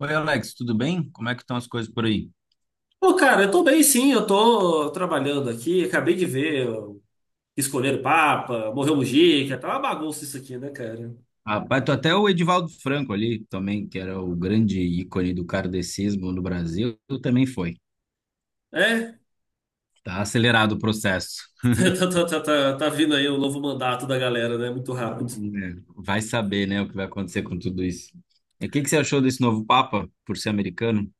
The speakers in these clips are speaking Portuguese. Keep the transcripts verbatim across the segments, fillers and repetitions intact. Oi, Alex, tudo bem? Como é que estão as coisas por aí? Pô, cara, eu tô bem sim, eu tô trabalhando aqui, acabei de ver ó, escolher o Papa, morreu o Mujica, tá uma bagunça isso aqui, né, cara? Rapaz, tô até o Edivaldo Franco ali também, que era o grande ícone do kardecismo no Brasil, também foi. É. Tá acelerado o processo. Tá, tá, tá, tá, tá vindo aí o novo mandato da galera, né, muito rápido. É, vai saber, né, o que vai acontecer com tudo isso. E o que que você achou desse novo Papa, por ser americano?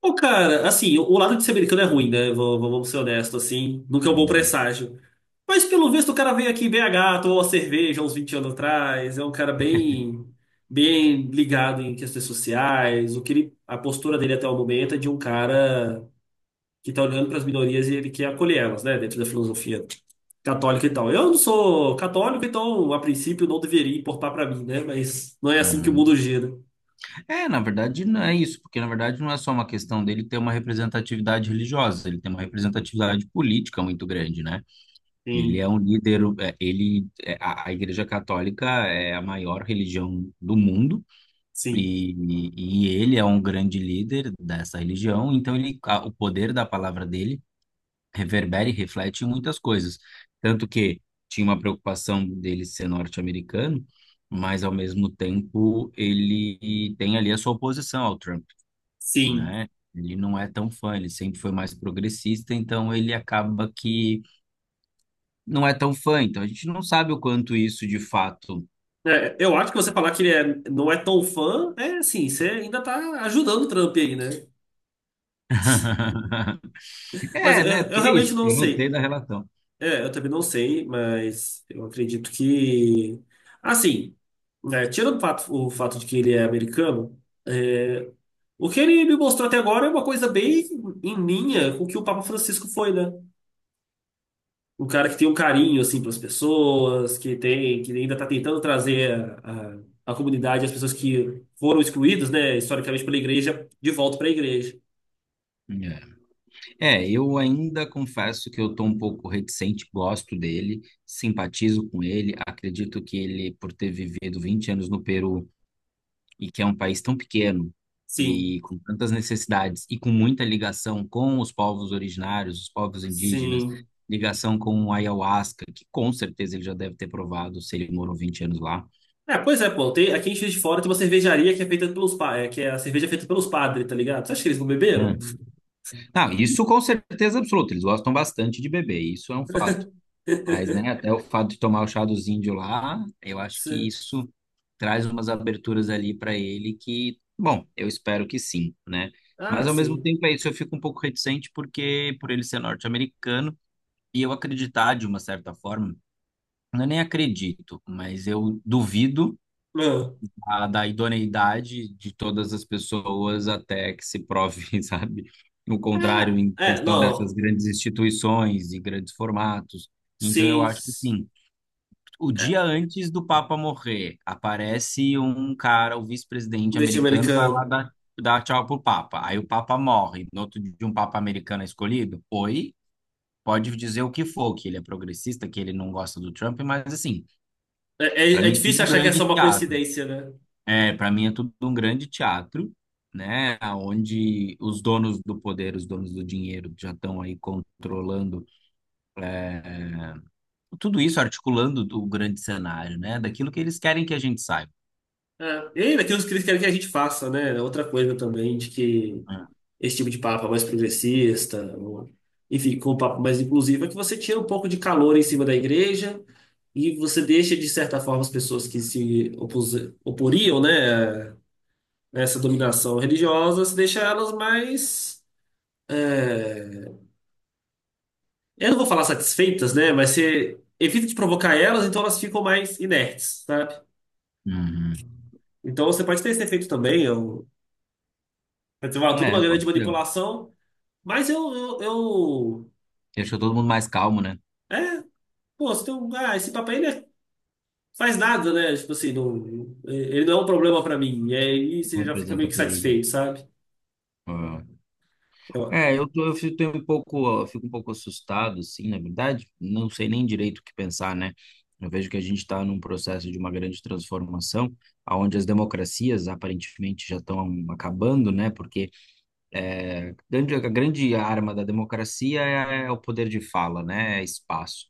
Pô, cara, assim, o o lado de ser americano é ruim, né, vamos, vamos ser honestos, assim, nunca é um bom Uhum. presságio. Mas pelo visto o cara veio aqui em B H, tomou uma cerveja uns vinte anos atrás, é um cara bem, bem ligado em questões sociais, o que ele, a postura dele até o momento é de um cara que está olhando para as minorias e ele quer acolher elas, né, dentro da filosofia católica e tal. Eu não sou católico, então a princípio não deveria importar para mim, né? Mas não é assim que o mundo Uhum. gira. É, na verdade, não é isso, porque na verdade não é só uma questão dele ter uma representatividade religiosa, ele tem uma representatividade política muito grande, né? Ele é Sim, um líder, é, ele, é, a, a Igreja Católica é a maior religião do mundo sim, e, e ele é um grande líder dessa religião, então ele, a- o poder da palavra dele reverbera e reflete em muitas coisas. Tanto que tinha uma preocupação dele ser norte-americano, mas ao mesmo tempo ele tem ali a sua oposição ao Trump, sim. né? Ele não é tão fã, ele sempre foi mais progressista, então ele acaba que não é tão fã, então a gente não sabe o quanto isso de fato. É, eu acho que você falar que ele é- não é tão fã, é assim, você ainda tá ajudando o Trump aí, né? Mas eu, É, né? eu Porque é realmente isso, não eu não sei sei. da relação. É, eu também não sei, mas eu acredito que. Assim, né, tirando o fato, o fato de que ele é americano. é, O que ele me mostrou até agora é uma coisa bem em linha com o que o Papa Francisco foi, né? Um cara que tem um carinho, assim, pelas pessoas, que tem, que ainda está tentando trazer a, a, a comunidade, as pessoas que foram excluídas, né, historicamente pela igreja, de volta para a igreja. É, é, eu ainda confesso que eu tô um pouco reticente, gosto dele, simpatizo com ele, acredito que ele, por ter vivido vinte anos no Peru e que é um país tão pequeno Sim, e com tantas necessidades e com muita ligação com os povos originários, os povos indígenas, sim. ligação com o ayahuasca, que com certeza ele já deve ter provado se ele morou vinte anos lá, É, pois é, pô, tem, aqui em Juiz de Fora tem uma cervejaria que é feita pelos, pa- é, que é a cerveja feita pelos padres, tá ligado? Você acha que eles não né? beberam? Não, isso com certeza absoluta. Eles gostam bastante de beber, isso é um fato. Mas, né, até o fato de tomar o chá dos índios lá, eu acho que Se- isso traz umas aberturas ali para ele que, bom, eu espero que sim, né? Ah, Mas ao mesmo sim. tempo é isso, eu fico um pouco reticente porque por ele ser norte-americano e eu acreditar de uma certa forma, eu nem acredito, mas eu duvido Ah, a- da idoneidade de todas as pessoas até que se prove, sabe, o ah, contrário em é, questão dessas não. grandes instituições e grandes formatos. Então, eu Sim. acho que, assim, o dia antes do Papa morrer, aparece um cara, o vice-presidente Deste americano, vai lá americano. dar, dar tchau pro Papa. Aí o Papa morre. No outro dia, um Papa americano é escolhido? Oi? Pode dizer o que for, que ele é progressista, que ele não gosta do Trump, mas, assim, É, para é, é mim, difícil tudo achar que é só grande uma teatro. coincidência, né? É, para mim é tudo um grande teatro, né? Onde os donos do poder, os donos do dinheiro já estão aí controlando é, tudo isso, articulando o grande cenário, né? Daquilo que eles querem que a gente saiba, É. E ainda tem os que eles querem que a gente faça, né? É outra coisa também, de que né? esse tipo de papo é mais progressista, ou- enfim, com um papo mais inclusivo, é que você tira um pouco de calor em cima da igreja e você deixa, de certa forma, as pessoas que se opus, oporiam, né, a essa dominação religiosa, você deixa elas mais. é, Eu não vou falar satisfeitas, né? Mas você evita de provocar elas, então elas ficam mais inertes, sabe? Uhum. Então você pode ter esse efeito também. Eu, quer dizer, vai, tudo uma É, grande pode ser. manipulação, mas eu, eu, eu- Deixa todo mundo mais calmo, né? é, pô, você tem um, ah, esse papel ele é- faz nada, né? Tipo assim, não, ele não é um problema pra mim. E aí você já fica meio Representa que perigo. satisfeito, sabe? Ah. Eu, É, eu, tô, eu fico tenho um pouco, eu fico um pouco assustado, assim, na verdade, não sei nem direito o que pensar, né? Eu vejo que a gente está num processo de uma grande transformação, onde as democracias aparentemente já estão acabando, né? Porque é, grande- a grande arma da democracia é, é o poder de fala, né? É espaço.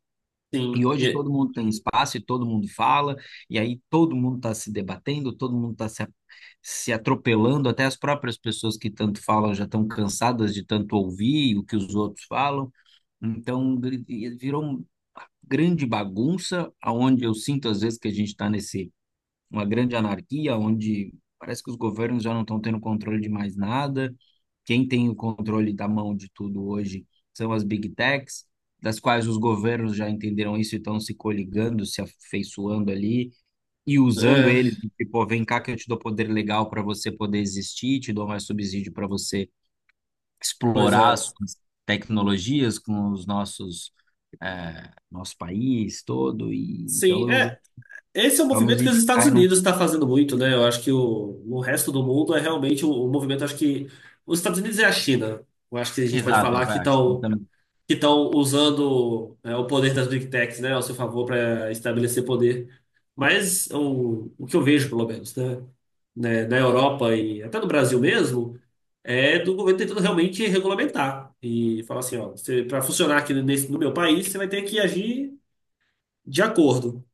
sim, E hoje e- todo mundo tem espaço e todo mundo fala, e aí todo mundo está se debatendo, todo mundo está se, a- se atropelando, até as próprias pessoas que tanto falam já estão cansadas de tanto ouvir o que os outros falam. Então gri- virou uma grande bagunça, aonde eu sinto às vezes que a gente está nesse uma grande anarquia, onde parece que os governos já não estão tendo controle de mais nada. Quem tem o controle da mão de tudo hoje são as big techs, das quais os governos já entenderam isso e estão se coligando, se afeiçoando ali e usando eles, é, tipo, vem cá que eu te dou poder legal para você poder existir, te dou mais subsídio para você pois explorar é. as suas tecnologias com os nossos eh, nosso país todo e então Sim, eu é. vejo- Esse é um talvez a movimento que os gente Estados caia num. Unidos está fazendo muito, né? Eu acho que o, o resto do mundo é realmente o, o movimento. Acho que os Estados Unidos e a China. Eu acho que a gente pode Exato, eu falar que acho. estão que estão usando é, o poder das Big Techs, né, ao seu favor para estabelecer poder. Mas o, o que eu vejo, pelo menos, né, né, na Europa e até no Brasil mesmo, é do governo tentando realmente regulamentar e falar assim, ó, para funcionar aqui nesse, no meu país, você vai ter que agir de acordo.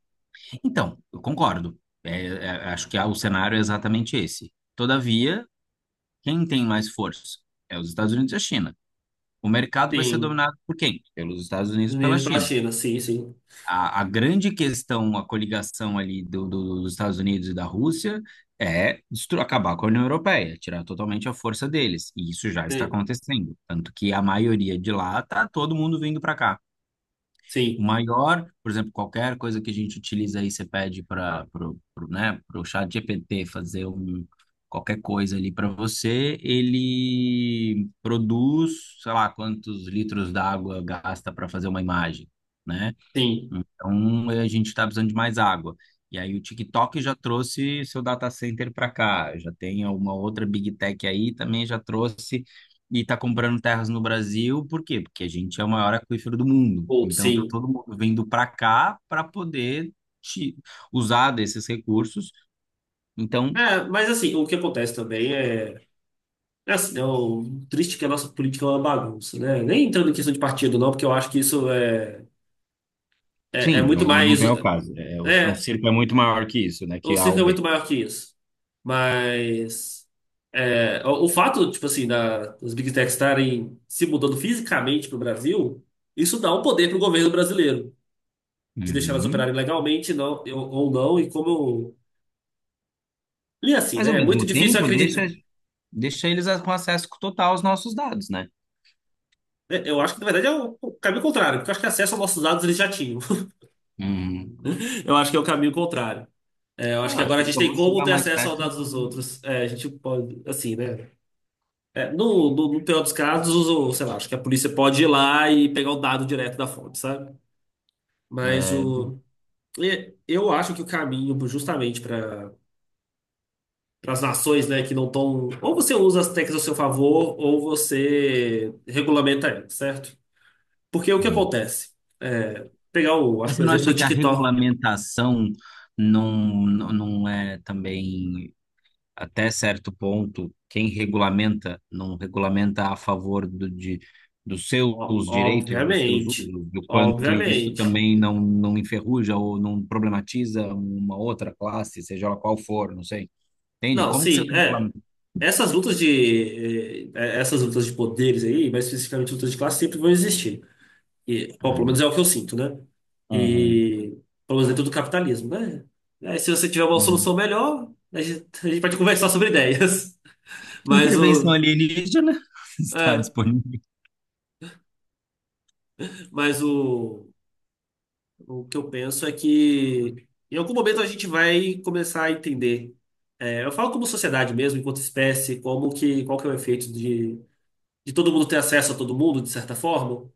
Então, eu concordo. É, é, acho que há- o cenário é exatamente esse. Todavia, quem tem mais força? É os Estados Unidos e a China. O mercado vai ser Sim, dominado por quem? Pelos Estados Unidos e pela meninos para a China. China, sim, sim, A, a grande questão, a coligação ali do- do- dos Estados Unidos e da Rússia é destru- acabar com a União Europeia, tirar totalmente a força deles. E isso já está sim, acontecendo. Tanto que a maioria de lá está todo mundo vindo para cá. O sim, maior, por exemplo, qualquer coisa que a gente utiliza aí, você pede para pro, pro, né, pro chat G P T fazer um, qualquer coisa ali para você, ele produz, sei lá, quantos litros d'água gasta para fazer uma imagem, né? sim, Então, eh, a gente está precisando de mais água. E aí, o TikTok já trouxe seu data center para cá. Já tem uma outra Big Tech aí, também já trouxe e está comprando terras no Brasil. Por quê? Porque a gente é o maior aquífero do mundo. outro, Então, tá sim. todo mundo vindo para cá para poder te- usar desses recursos. Então, É, mas assim, o que acontece também é é assim, é o triste que a nossa política é uma bagunça, né? Nem entrando em questão de partido, não, porque eu acho que isso é, é, é sim, não, muito não não mais. vem ao caso. É, o, é um É, circo é muito maior que isso, né? o Que A circo ou é B. muito maior que isso. Mas. é, o, o fato, tipo assim, da, das Big Techs estarem se mudando fisicamente para o Brasil, isso dá um poder para o governo brasileiro, de deixar elas Uhum. operarem legalmente não, ou, ou não, e como eu. E assim, Mas, ao né? É muito mesmo difícil tempo, acreditar. deixa, deixa eles com acesso total aos nossos dados, né? Né? Eu acho que, na verdade, é o, o caminho contrário, porque eu acho que acesso aos nossos dados eles já tinham. Hum. Eu acho que é o caminho contrário. É, eu É, acho eu que acho agora que a eles gente só tem vão como chegar ter mais acesso aos perto. dados dos em- outros. É, a gente pode, assim, né? É, no, no, no pior dos casos, o, sei lá, acho que a polícia pode ir lá e pegar o dado direto da fonte, sabe? Mas É, o, e- eu acho que o caminho, justamente para as nações, né, que não estão. Ou você usa as técnicas ao seu favor, ou você regulamenta elas, certo? Porque o que hum. acontece? É, pegar o, acho Mas que você o não exemplo acha do que a TikTok. regulamentação não, não não é também, até certo ponto, quem regulamenta não regulamenta a favor do, de, dos seus Ó, direitos, dos seus obviamente. usos, do quanto isso Obviamente. também não, não enferruja ou não problematiza uma outra classe, seja ela qual for, não sei. Entende? Não, Como que você sim, vai é. regulamentar? Essas lutas de, eh, eh, essas lutas de poderes aí, mais especificamente lutas de classe, sempre vão existir. E, bom, pelo menos Hum. é o que eu sinto, né? E, pelo menos dentro do capitalismo, né? Aí, se você tiver uma solução Uhum. melhor, a gente, a gente pode conversar sobre ideias. Mas Intervenção o, alienígena está é, disponível. mas o, o que eu penso é que em algum momento a gente vai começar a entender. É, eu falo como sociedade mesmo, enquanto espécie, como que, qual que é o efeito de, de todo mundo ter acesso a todo mundo, de certa forma.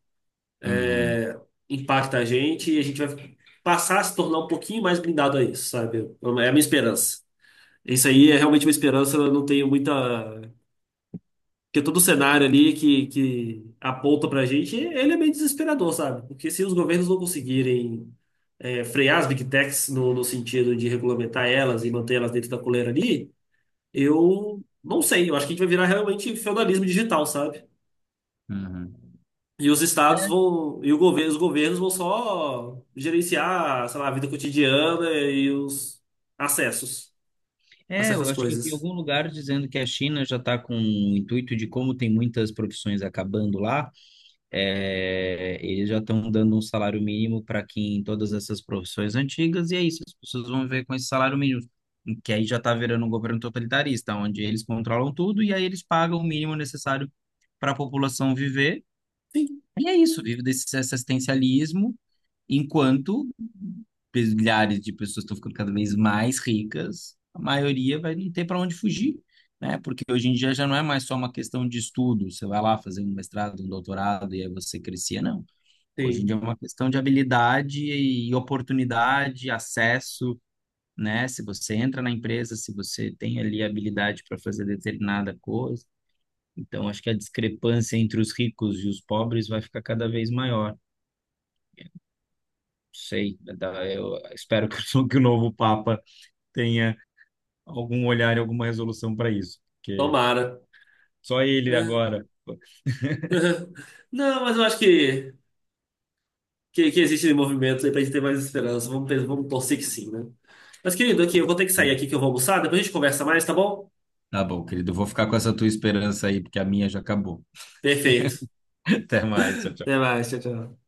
Uhum, Impacta a gente e a gente vai passar a se tornar um pouquinho mais blindado a isso, sabe? É a minha esperança. Isso aí é realmente uma esperança, eu não tenho muita. Porque todo o cenário ali que, que aponta pra gente, ele é meio desesperador, sabe? Porque se os governos não conseguirem é, frear as big techs no, no sentido de regulamentar elas e manter elas dentro da coleira ali, eu não sei. Eu acho que a gente vai virar realmente feudalismo digital, sabe? uhum. E os estados vão, e o governo, os governos vão só gerenciar, sei lá, a vida cotidiana e os acessos a É, é, eu certas acho que eu vi em coisas. algum lugar dizendo que a China já está com o intuito de como tem muitas profissões acabando lá, é, eles já estão dando um salário mínimo para quem em todas essas profissões antigas, e é isso, as pessoas vão ver com esse salário mínimo, que aí já está virando um governo totalitarista, onde eles controlam tudo e aí eles pagam o mínimo necessário para a população viver, Sim, e é isso, vive desse assistencialismo. Enquanto milhares de pessoas estão ficando cada vez mais ricas, a maioria vai não ter para onde fugir, né? Porque hoje em dia já não é mais só uma questão de estudo, você vai lá fazer um mestrado, um doutorado e aí você crescia, não. Hoje em sim. dia é uma questão de habilidade e oportunidade, acesso, né? Se você entra na empresa, se você tem ali habilidade para fazer determinada coisa. Então, acho que a discrepância entre os ricos e os pobres vai ficar cada vez maior. Sei, da- eu espero que o que o novo Papa tenha algum olhar e alguma resolução para isso, porque Tomara. só ele É. agora. Não, mas eu acho que, que, que existe movimento aí pra gente ter mais esperança. Vamos, ter- vamos torcer que sim, né? Mas, querido, aqui, eu vou ter que sair É, aqui que eu vou almoçar, depois a gente conversa mais, tá bom? tá bom, querido, eu vou ficar com essa tua esperança aí, porque a minha já acabou. Perfeito. Até mais, Até tchau. mais, tchau, tchau.